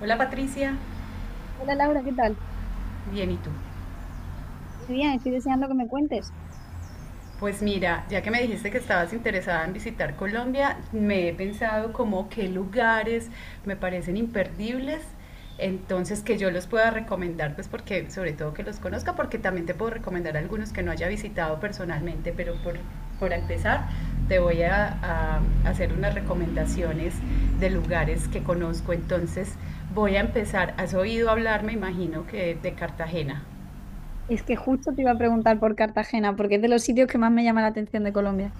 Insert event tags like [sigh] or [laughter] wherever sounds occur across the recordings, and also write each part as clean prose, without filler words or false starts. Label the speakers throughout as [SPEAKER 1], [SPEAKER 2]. [SPEAKER 1] Hola Patricia,
[SPEAKER 2] Hola Laura, ¿qué tal?
[SPEAKER 1] bien y tú.
[SPEAKER 2] Muy bien, estoy deseando que me cuentes.
[SPEAKER 1] Pues mira, ya que me dijiste que estabas interesada en visitar Colombia, me he pensado como qué lugares me parecen imperdibles, entonces que yo los pueda recomendar, pues porque sobre todo que los conozca, porque también te puedo recomendar algunos que no haya visitado personalmente, por empezar te voy a hacer unas recomendaciones de lugares que conozco, entonces voy a empezar, has oído hablar, me imagino que de Cartagena.
[SPEAKER 2] Es que justo te iba a preguntar por Cartagena, porque es de los sitios que más me llama la atención de Colombia.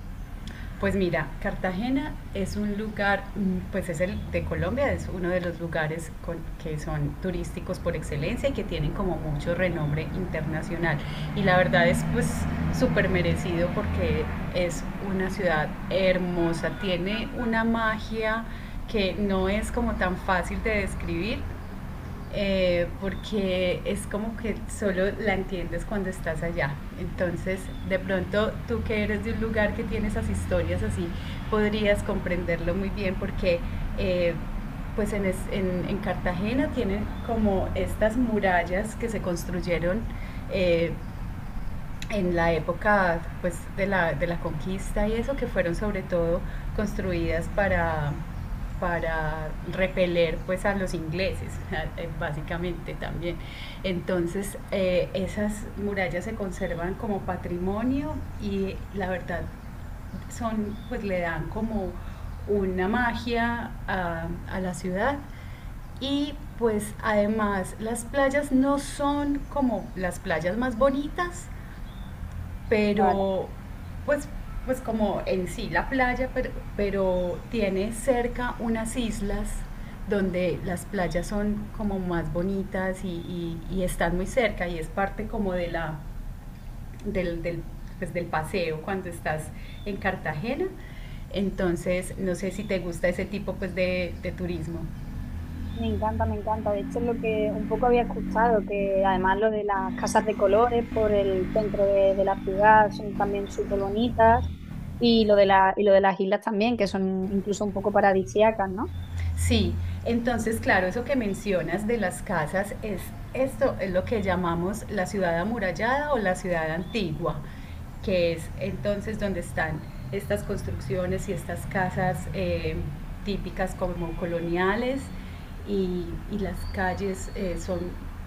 [SPEAKER 1] Pues mira, Cartagena es un lugar, pues es el de Colombia, es uno de los que son turísticos por excelencia y que tienen como mucho renombre internacional. Y la verdad es pues súper merecido porque es una ciudad hermosa, tiene una magia que no es como tan fácil de describir porque es como que solo la entiendes cuando estás allá. Entonces, de pronto, tú que eres de un lugar que tiene esas historias así, podrías comprenderlo muy bien eh, pues en Cartagena tienen como estas murallas que se construyeron eh, en la época de la conquista y eso, que fueron sobre todo construidas para repeler pues, a los ingleses, [laughs] básicamente también. Entonces, esas murallas se conservan como patrimonio y la verdad son, pues le dan como una magia a la ciudad. Y pues además las playas no son como las playas más bonitas,
[SPEAKER 2] Vale.
[SPEAKER 1] pero pues, pues como en sí la playa, pero tiene cerca unas islas donde las playas son como más bonitas y están muy cerca y es parte como de del, del, pues, del paseo cuando estás en Cartagena. Entonces, no sé si te gusta ese tipo de turismo.
[SPEAKER 2] Me encanta, me encanta. De hecho, es lo que un poco había escuchado, que además lo de las casas de colores por el centro de la ciudad son también súper bonitas y lo de la, y lo de las islas también, que son incluso un poco paradisíacas, ¿no?
[SPEAKER 1] Sí, entonces, claro, eso que mencionas de las casas es esto es lo que llamamos la ciudad amurallada o la ciudad antigua, que es entonces donde están estas construcciones y estas casas típicas como coloniales y, y las calles son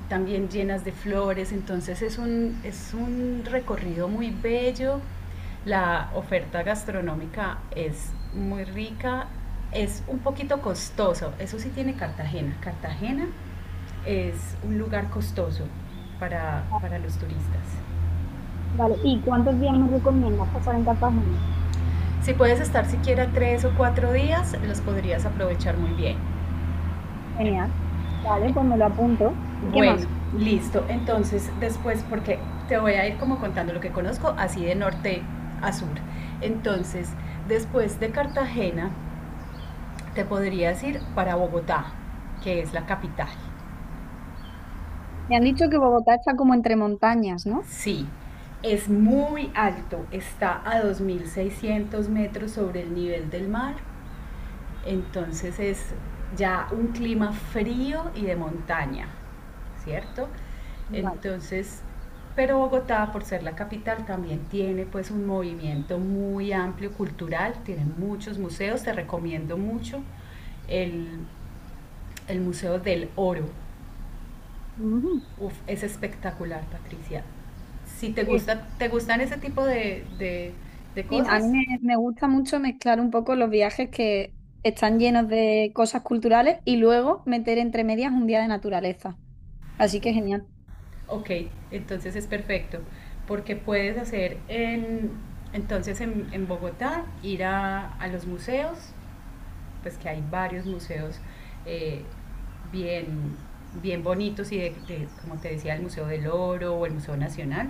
[SPEAKER 1] también llenas de flores, entonces es un recorrido muy bello. La oferta gastronómica es muy rica, es un poquito costoso, eso sí tiene Cartagena. Cartagena es un lugar costoso
[SPEAKER 2] Ah,
[SPEAKER 1] para los turistas.
[SPEAKER 2] vale, ¿y cuántos días me recomiendas pasar en Cartagena?
[SPEAKER 1] Si puedes estar siquiera 3 o 4 días, los podrías aprovechar muy bien.
[SPEAKER 2] Genial. Vale, pues me lo apunto. ¿Y qué
[SPEAKER 1] Bueno,
[SPEAKER 2] más?
[SPEAKER 1] listo. Entonces, después, porque te voy a ir como contando lo que conozco, así de norte a sur. Entonces, después de Cartagena, te podrías ir para Bogotá, que es la capital.
[SPEAKER 2] Me han dicho que Bogotá está como entre montañas, ¿no?
[SPEAKER 1] Sí, es muy alto, está a 2.600 metros sobre el nivel del mar, entonces es ya un clima frío y de montaña, ¿cierto?
[SPEAKER 2] Vale.
[SPEAKER 1] Entonces, pero Bogotá, por ser la capital, también tiene pues un movimiento muy amplio cultural, tiene muchos museos, te recomiendo mucho el, el Museo del Oro.
[SPEAKER 2] Ujú.
[SPEAKER 1] Uf, es espectacular, Patricia. Si te
[SPEAKER 2] Sí,
[SPEAKER 1] gusta, te gustan ese tipo de
[SPEAKER 2] sí, a
[SPEAKER 1] cosas,
[SPEAKER 2] mí me gusta mucho mezclar un poco los viajes que están llenos de cosas culturales y luego meter entre medias un día de naturaleza. Así que genial.
[SPEAKER 1] ok, entonces es perfecto. Porque puedes hacer en Bogotá, ir a los museos, pues que hay varios museos eh, bien, bien bonitos y como te decía, el Museo del Oro o el Museo Nacional.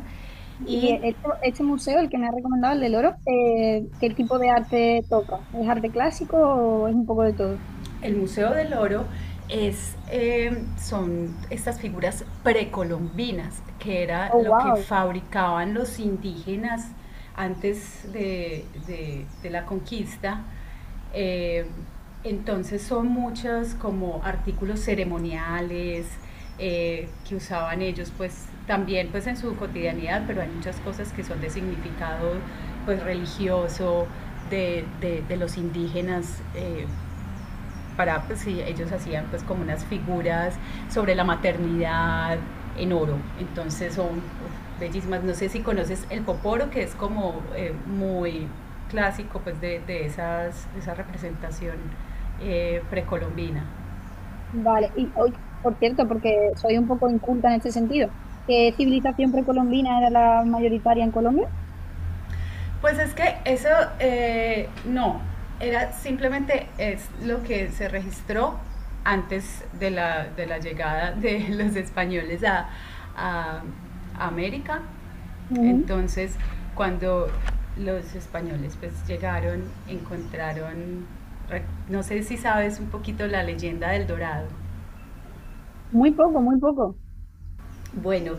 [SPEAKER 2] Y
[SPEAKER 1] Y
[SPEAKER 2] este museo, el que me ha recomendado, el del Oro, ¿qué tipo de arte toca? ¿Es arte clásico o es un poco de todo?
[SPEAKER 1] El Museo del Oro es, son estas figuras precolombinas, que era
[SPEAKER 2] Oh,
[SPEAKER 1] lo que
[SPEAKER 2] wow.
[SPEAKER 1] fabricaban los indígenas antes de la conquista. Eh, entonces son muchos como artículos ceremoniales que usaban ellos pues también pues en su cotidianidad, pero hay muchas cosas que son de significado pues religioso de los indígenas, para, pues sí, ellos hacían pues como unas figuras sobre la maternidad en oro. Entonces son uf, bellísimas. No sé si conoces el poporo, que es como muy clásico pues de esa representación precolombina.
[SPEAKER 2] Vale. Y hoy, por cierto, porque soy un poco inculta en este sentido, ¿qué civilización precolombina era la mayoritaria en Colombia?
[SPEAKER 1] Pues es que eso no, era simplemente es lo que se registró antes de de la llegada de [laughs] los españoles a América.
[SPEAKER 2] Ujú.
[SPEAKER 1] Entonces, cuando los españoles pues llegaron, encontraron, no sé si sabes un poquito la leyenda del dorado.
[SPEAKER 2] Muy poco, muy poco.
[SPEAKER 1] Bueno,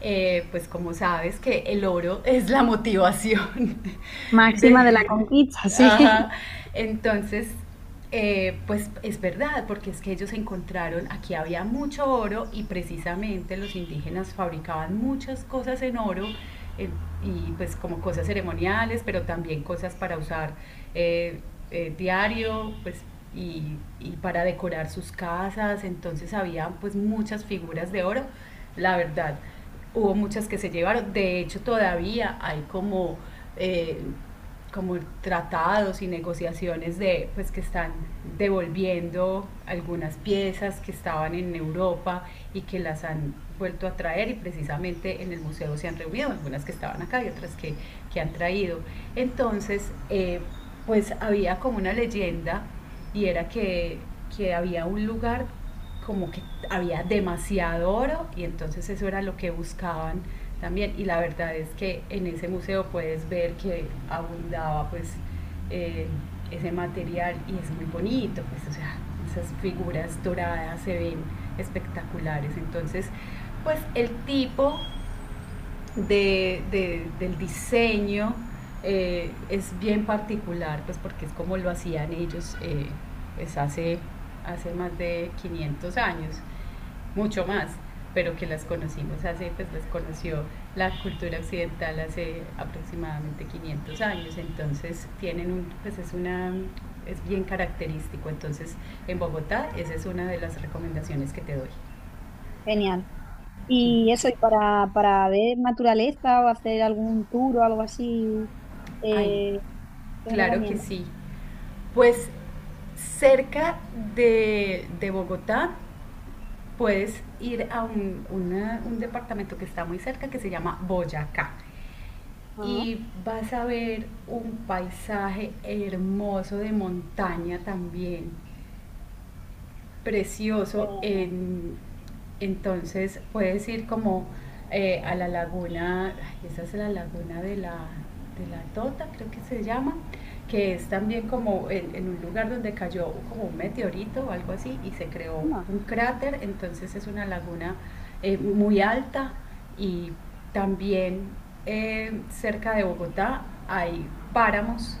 [SPEAKER 1] pues como sabes que el oro [laughs] es la motivación [laughs]
[SPEAKER 2] Máxima de la
[SPEAKER 1] de...
[SPEAKER 2] conquista, sí.
[SPEAKER 1] Ajá. Entonces, pues es verdad, porque es que ellos encontraron, aquí había mucho oro y precisamente los indígenas fabricaban muchas cosas en oro. eh, y pues como cosas ceremoniales, pero también cosas para usar eh, diario, pues y, y para decorar sus casas, entonces había pues muchas figuras de oro la verdad. Hubo muchas que se llevaron, de hecho todavía hay eh, como tratados y negociaciones de, pues que están devolviendo algunas piezas que estaban en Europa y que las han vuelto a traer y precisamente en el museo se han reunido algunas que estaban acá y otras que han traído. Entonces, pues había como una leyenda y era que había un lugar como que había demasiado oro y entonces eso era lo que buscaban también. Y la verdad es que en ese museo puedes ver que abundaba pues eh, ese material y es muy bonito, pues o sea, esas figuras doradas se ven espectaculares. Entonces, pues el tipo del diseño es bien particular, pues porque es como lo hacían ellos pues hace, hace más de 500 años mucho más, pero que las conocimos hace, pues las conoció la cultura occidental hace aproximadamente 500 años, entonces tienen un, pues es una, es bien característico, entonces en Bogotá esa es una de las recomendaciones que te doy.
[SPEAKER 2] [laughs] Genial. Y eso, y para ver naturaleza o hacer algún tour o algo así,
[SPEAKER 1] Ay,
[SPEAKER 2] eh, ¿qué me
[SPEAKER 1] claro que
[SPEAKER 2] recomiendas?
[SPEAKER 1] sí, pues cerca de Bogotá puedes ir a un departamento que está muy cerca que se llama Boyacá.
[SPEAKER 2] Ajá.
[SPEAKER 1] Y vas a ver un paisaje hermoso de montaña también precioso.
[SPEAKER 2] Eh,
[SPEAKER 1] Entonces puedes ir como a la laguna, ay, esa es la laguna de de la Tota, creo que se llama, que es también como en un lugar donde cayó como un meteorito o algo así y se creó
[SPEAKER 2] ah,
[SPEAKER 1] un cráter. Entonces es una laguna muy alta y también cerca de Bogotá hay páramos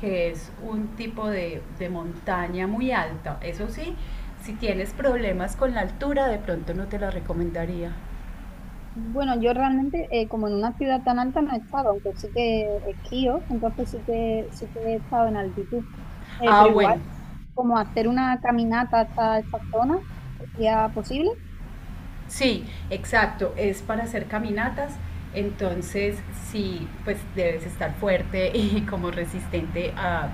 [SPEAKER 1] que es un tipo de montaña muy alta. Eso sí, si tienes problemas con la altura, de pronto no te la recomendaría.
[SPEAKER 2] Bueno, yo realmente, como en una ciudad tan alta no he estado, aunque sí que esquío, entonces sí que he estado en altitud.
[SPEAKER 1] Ah,
[SPEAKER 2] Pero
[SPEAKER 1] bueno,
[SPEAKER 2] igual, como hacer una caminata hasta esta zona sería posible,
[SPEAKER 1] sí, exacto, es para hacer caminatas. Entonces, sí, pues debes estar fuerte [laughs] y como resistente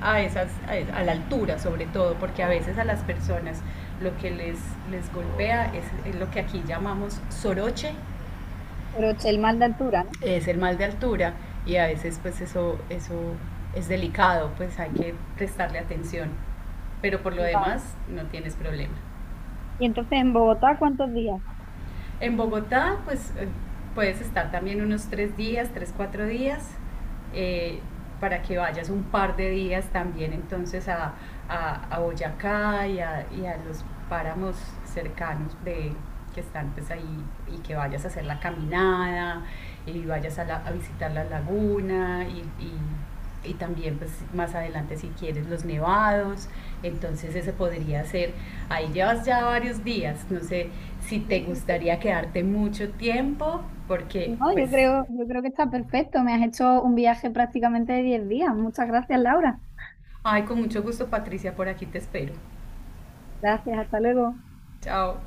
[SPEAKER 1] a esas, a, es- a la altura sobre todo, porque a veces a las personas lo que les golpea es lo que aquí llamamos soroche,
[SPEAKER 2] pero es el mal de altura, ¿no?
[SPEAKER 1] es el mal de altura y a veces pues eso es delicado, pues hay que prestarle atención, pero por lo
[SPEAKER 2] Vale.
[SPEAKER 1] demás no tienes problema.
[SPEAKER 2] Y entonces, ¿en Bogotá cuántos días?
[SPEAKER 1] En Bogotá pues puedes estar también unos 3 días, 4 días, eh, para que vayas un par de días también entonces a Boyacá y a los páramos cercanos de, que están pues ahí y que vayas a hacer la caminada y vayas a visitar la laguna y también pues más adelante si quieres los nevados, entonces ese podría ser, ahí llevas ya varios días, no sé si te
[SPEAKER 2] No,
[SPEAKER 1] gustaría quedarte mucho tiempo, porque pues,
[SPEAKER 2] yo creo que está perfecto. Me has hecho un viaje prácticamente de 10 días. Muchas gracias, Laura.
[SPEAKER 1] ay, con mucho gusto Patricia, por aquí te espero.
[SPEAKER 2] Gracias, hasta luego.
[SPEAKER 1] Chao.